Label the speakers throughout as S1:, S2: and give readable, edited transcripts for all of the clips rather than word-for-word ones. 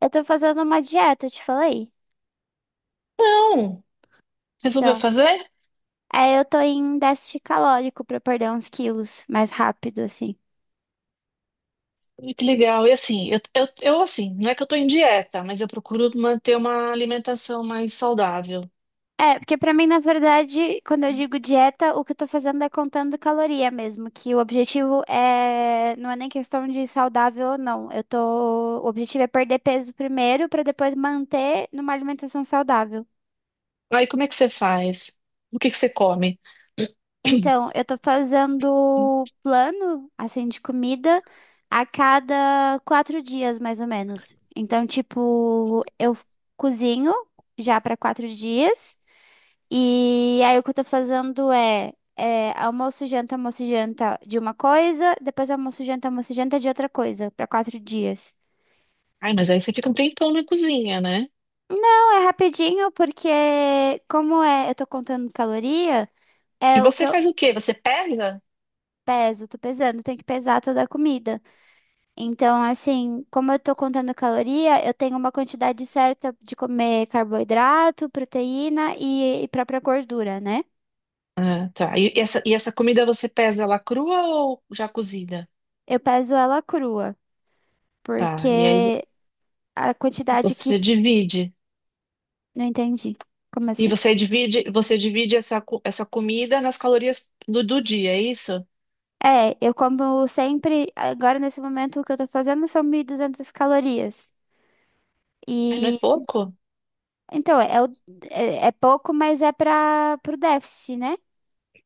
S1: Eu tô fazendo uma dieta, te falei.
S2: Não, resolveu
S1: Então,
S2: fazer?
S1: aí eu tô em déficit calórico pra perder uns quilos mais rápido, assim.
S2: Ui, que legal. E assim, eu assim, não é que eu tô em dieta, mas eu procuro manter uma alimentação mais saudável.
S1: É, porque pra mim, na verdade, quando eu digo dieta, o que eu tô fazendo é contando caloria mesmo, que o objetivo é, não é nem questão de saudável ou não. Eu tô, o objetivo é perder peso primeiro pra depois manter numa alimentação saudável.
S2: Aí como é que você faz? O que que você come?
S1: Então, eu tô fazendo plano, assim, de comida a cada 4 dias, mais ou menos. Então, tipo, eu cozinho já para 4 dias. E aí, o que eu tô fazendo é almoço, janta de uma coisa. Depois, almoço, janta de outra coisa, para 4 dias.
S2: Ai, mas aí você fica um tempão na cozinha, né?
S1: Não é rapidinho, porque como é, eu tô contando caloria,
S2: E
S1: é o que
S2: você
S1: eu
S2: faz o quê? Você pesa?
S1: peso, tô pesando, tem que pesar toda a comida. Então, assim, como eu tô contando caloria, eu tenho uma quantidade certa de comer carboidrato, proteína e própria gordura, né?
S2: Ah, tá. E essa comida você pesa ela crua ou já cozida?
S1: Eu peso ela crua,
S2: Tá. E aí
S1: porque a quantidade
S2: você
S1: que.
S2: divide.
S1: Não entendi. Como
S2: E
S1: assim?
S2: você divide essa comida nas calorias do dia, é isso?
S1: É, eu como sempre, agora nesse momento, o que eu tô fazendo são 1.200 calorias.
S2: Mas não é
S1: E.
S2: pouco?
S1: Então, é, é pouco, mas é para o déficit, né?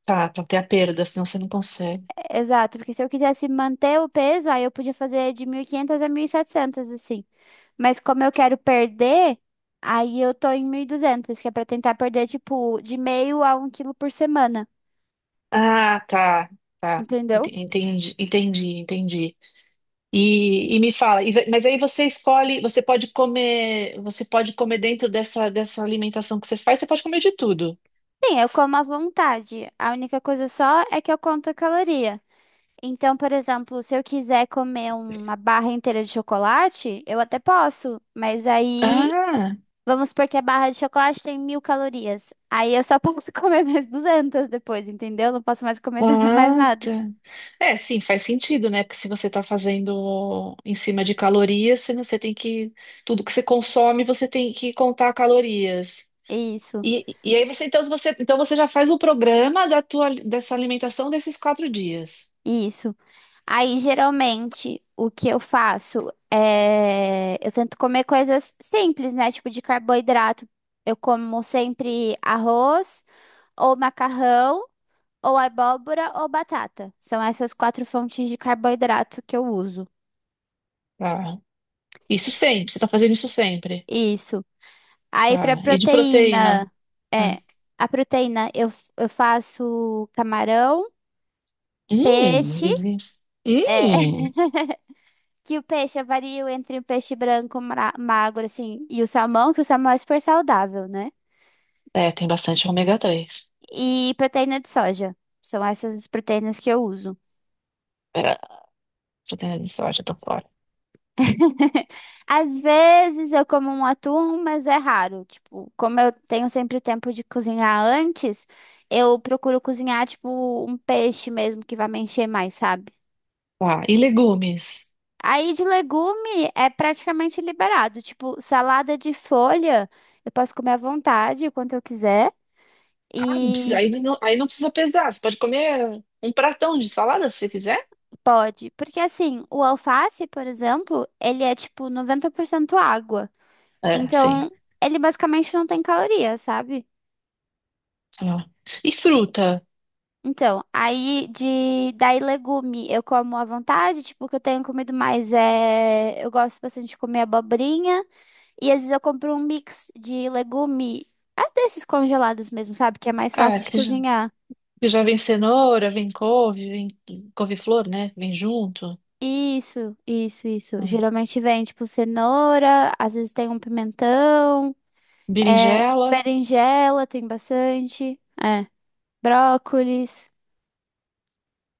S2: Tá, pra ter a perda, senão você não consegue.
S1: Exato, porque se eu quisesse manter o peso, aí eu podia fazer de 1.500 a 1.700 assim. Mas como eu quero perder, aí eu tô em 1.200 que é pra tentar perder, tipo, de meio a 1 quilo por semana,
S2: Ah, tá, tá. Ent-
S1: entendeu?
S2: Entendi, entendi, entendi. E me fala, mas aí você escolhe, você pode comer dentro dessa alimentação que você faz, você pode comer de tudo.
S1: Sim, eu como à vontade. A única coisa só é que eu conto a caloria. Então, por exemplo, se eu quiser comer uma barra inteira de chocolate, eu até posso, mas aí
S2: Ah,
S1: vamos supor que a barra de chocolate tem 1.000 calorias. Aí eu só posso comer mais 200 depois, entendeu? Não posso mais comer mais
S2: ah,
S1: nada.
S2: tá. É, sim, faz sentido, né? Porque se você está fazendo em cima de calorias, você, você tem que. Tudo que você consome, você tem que contar calorias.
S1: Isso,
S2: E aí você então, você, então você já faz o programa da tua, dessa alimentação desses 4 dias.
S1: isso. Aí geralmente o que eu faço é, eu tento comer coisas simples, né? Tipo de carboidrato. Eu como sempre arroz, ou macarrão, ou abóbora, ou batata. São essas quatro fontes de carboidrato que eu uso.
S2: Tá. Isso sempre, você está fazendo isso sempre.
S1: Isso. Aí pra
S2: Tá. E de proteína?
S1: proteína,
S2: Ah.
S1: é, a proteína eu faço camarão, peixe,
S2: Delícia.
S1: é,
S2: Hum.
S1: que o peixe eu vario entre o peixe branco magro assim e o salmão, que o salmão é super saudável, né?
S2: É, tem bastante ômega 3.
S1: E proteína de soja. São essas as proteínas que eu uso.
S2: É, proteína de soja, tô fora.
S1: Às vezes eu como um atum, mas é raro. Tipo, como eu tenho sempre tempo de cozinhar antes, eu procuro cozinhar, tipo, um peixe mesmo que vai me encher mais, sabe?
S2: Tá. E legumes?
S1: Aí de legume é praticamente liberado. Tipo, salada de folha, eu posso comer à vontade, quanto eu quiser.
S2: Ah, não precisa,
S1: E
S2: aí não precisa pesar. Você pode comer um pratão de salada se você quiser.
S1: pode. Porque assim, o alface, por exemplo, ele é tipo 90% água.
S2: É, sim.
S1: Então, ele basicamente não tem caloria, sabe?
S2: Ah. E fruta?
S1: Então, aí de daí legume eu como à vontade, tipo, o que eu tenho comido mais é, eu gosto bastante de comer abobrinha. E às vezes eu compro um mix de legume, ah, desses congelados mesmo, sabe? Que é mais
S2: Ah,
S1: fácil de
S2: que já,
S1: cozinhar.
S2: que já vem cenoura, vem couve, vem couve-flor, né? Vem junto.
S1: Isso, isso, isso.
S2: Ah.
S1: Geralmente vem, tipo, cenoura, às vezes tem um pimentão, é,
S2: Berinjela.
S1: berinjela, tem bastante, é, brócolis.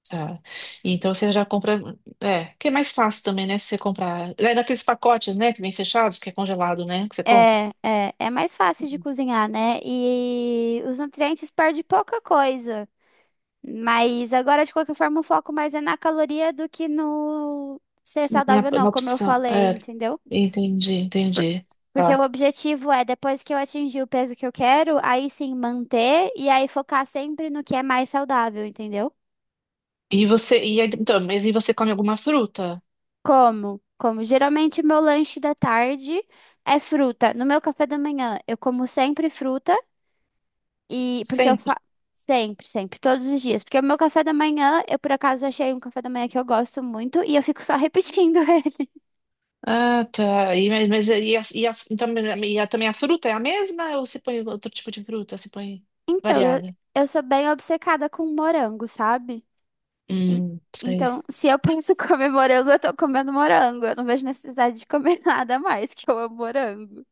S2: Tá. E então você já compra. É, que é mais fácil também, né? Se você comprar. É naqueles pacotes, né? Que vem fechados, que é congelado, né? Que você compra.
S1: É, é, é mais fácil de cozinhar, né? E os nutrientes perdem pouca coisa. Mas agora, de qualquer forma, o foco mais é na caloria do que no ser
S2: Na,
S1: saudável, não,
S2: na
S1: como eu
S2: opção.
S1: falei,
S2: É,
S1: entendeu?
S2: entendi, entendi.
S1: Porque o
S2: Tá.
S1: objetivo é, depois que eu atingir o peso que eu quero, aí sim manter e aí focar sempre no que é mais saudável, entendeu?
S2: E você. E aí, então, mas e você come alguma fruta?
S1: Como? Como geralmente meu lanche da tarde é fruta. No meu café da manhã, eu como sempre fruta e porque eu fa...
S2: Sempre.
S1: sempre, sempre, todos os dias, porque o meu café da manhã, eu por acaso achei um café da manhã que eu gosto muito e eu fico só repetindo ele.
S2: Ah, tá. E, mas então, também a fruta é a mesma ou você põe outro tipo de fruta? Você põe
S1: Então, eu,
S2: variada?
S1: eu sou bem obcecada com morango, sabe? En-
S2: Sei.
S1: Então, se eu penso comer morango, eu tô comendo morango. Eu não vejo necessidade de comer nada mais, que eu amo morango.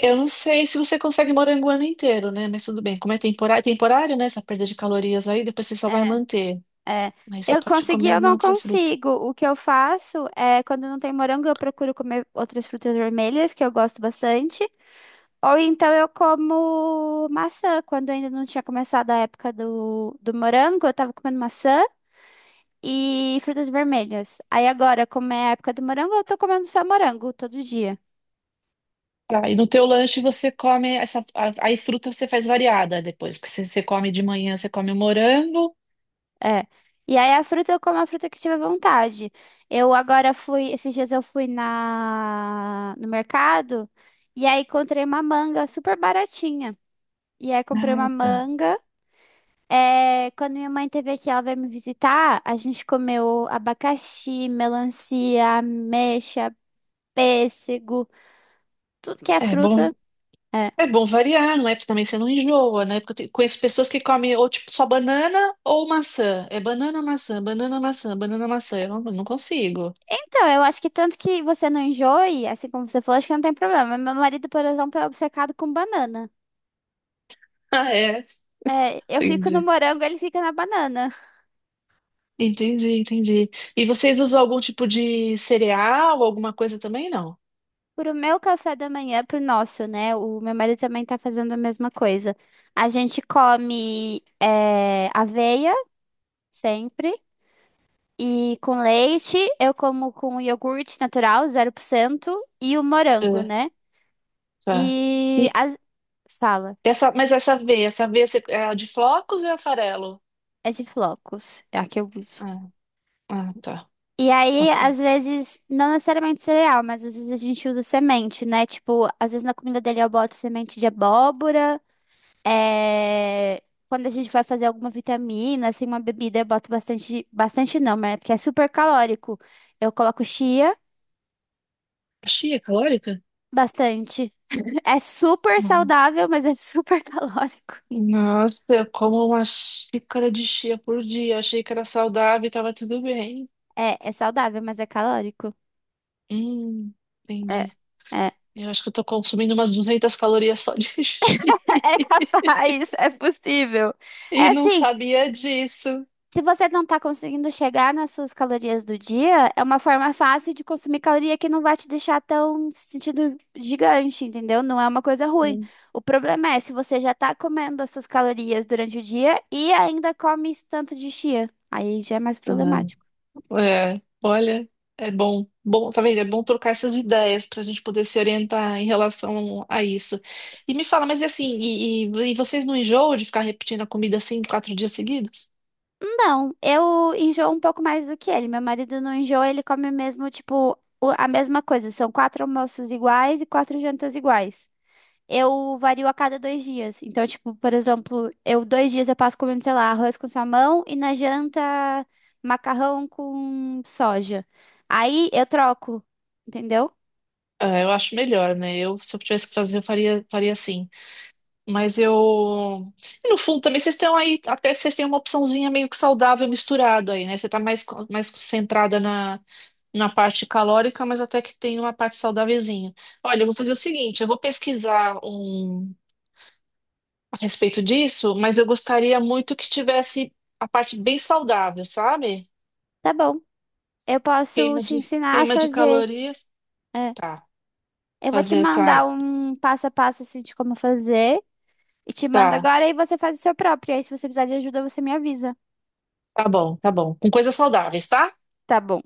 S2: Eu não sei se você consegue morango o ano inteiro, né? Mas tudo bem. Como é temporário, temporário, né? Essa perda de calorias aí, depois você só vai
S1: É,
S2: manter.
S1: é.
S2: Aí você
S1: Eu
S2: pode
S1: consegui,
S2: comer
S1: eu
S2: uma
S1: não
S2: outra fruta.
S1: consigo. O que eu faço é, quando não tem morango, eu procuro comer outras frutas vermelhas, que eu gosto bastante. Ou então eu como maçã. Quando ainda não tinha começado a época do morango, eu tava comendo maçã e frutas vermelhas. Aí agora, como é a época do morango, eu tô comendo só morango todo dia.
S2: Tá, e no teu lanche você come aí fruta você faz variada depois, porque você, você come de manhã, você come o morango.
S1: É. E aí a fruta eu como a fruta que tiver vontade. Eu agora fui, esses dias eu fui na no mercado e aí encontrei uma manga super baratinha. E aí comprei uma
S2: Ah, tá.
S1: manga. É, quando minha mãe teve aqui, ela veio me visitar, a gente comeu abacaxi, melancia, ameixa, pêssego, tudo que é
S2: É bom.
S1: fruta. É.
S2: É bom variar, não é? Porque também você não enjoa, né? Porque conheço pessoas que comem ou tipo só banana ou maçã. É banana, maçã, banana, maçã, banana, maçã. Eu não, consigo.
S1: Então, eu acho que tanto que você não enjoe, assim como você falou, acho que não tem problema. Meu marido, por exemplo, é obcecado com banana.
S2: Ah, é.
S1: É, eu fico no
S2: Entendi.
S1: morango, ele fica na banana.
S2: Entendi, entendi. E vocês usam algum tipo de cereal, alguma coisa também? Não.
S1: Pro meu café da manhã, pro nosso, né? O meu marido também tá fazendo a mesma coisa. A gente come é, aveia, sempre, e com leite. Eu como com iogurte natural, 0%, e o morango,
S2: É,
S1: né?
S2: tá.
S1: E
S2: E
S1: as... fala,
S2: essa, mas essa aveia, é a de flocos ou é a farelo?
S1: é de flocos, é a que eu uso.
S2: Ah, ah, tá.
S1: E aí,
S2: Ok.
S1: às vezes, não necessariamente cereal, mas às vezes a gente usa semente, né? Tipo, às vezes na comida dele eu boto semente de abóbora. É, quando a gente vai fazer alguma vitamina, assim, uma bebida, eu boto bastante. Bastante não, mas é porque é super calórico. Eu coloco chia
S2: Chia calórica?
S1: bastante. É super saudável, mas é super calórico.
S2: Nossa, eu como uma xícara de chia por dia. Achei que era saudável e tava tudo bem.
S1: É, é saudável, mas é calórico.
S2: Hum,
S1: É,
S2: entendi.
S1: é.
S2: Eu acho que eu tô consumindo umas 200 calorias só de chia.
S1: É capaz, é possível. É
S2: E não
S1: assim.
S2: sabia disso.
S1: Se você não está conseguindo chegar nas suas calorias do dia, é uma forma fácil de consumir caloria que não vai te deixar tão sentido gigante, entendeu? Não é uma coisa ruim.
S2: Hum.
S1: O problema é se você já está comendo as suas calorias durante o dia e ainda come esse tanto de chia. Aí já é mais
S2: Ah,
S1: problemático.
S2: é, olha, é bom. Bom, tá vendo? É bom trocar essas ideias pra gente poder se orientar em relação a isso. E me fala, mas e assim, e vocês não enjoam de ficar repetindo a comida assim 4 dias seguidos?
S1: Não, eu enjoo um pouco mais do que ele. Meu marido não enjoa, ele come mesmo, tipo, a mesma coisa. São quatro almoços iguais e quatro jantas iguais. Eu vario a cada 2 dias. Então, tipo, por exemplo, eu 2 dias eu passo comendo, sei lá, arroz com salmão e na janta macarrão com soja. Aí eu troco, entendeu?
S2: Ah, eu acho melhor, né? Eu, se eu tivesse que fazer, eu faria, faria assim. Mas eu. E no fundo, também vocês estão aí, até vocês têm uma opçãozinha meio que saudável misturado aí, né? Você tá mais, mais concentrada na, na parte calórica, mas até que tem uma parte saudávelzinha. Olha, eu vou fazer o seguinte: eu vou pesquisar um a respeito disso, mas eu gostaria muito que tivesse a parte bem saudável, sabe?
S1: Tá bom. Eu posso
S2: Queima
S1: te
S2: de,
S1: ensinar a
S2: queima de
S1: fazer.
S2: calorias.
S1: É.
S2: Tá,
S1: Eu vou te
S2: fazer essa.
S1: mandar um passo a passo assim de como fazer. E te mando
S2: Tá,
S1: agora e você faz o seu próprio. Aí, se você precisar de ajuda, você me avisa.
S2: tá bom, tá bom. Com coisas saudáveis, tá?
S1: Tá bom.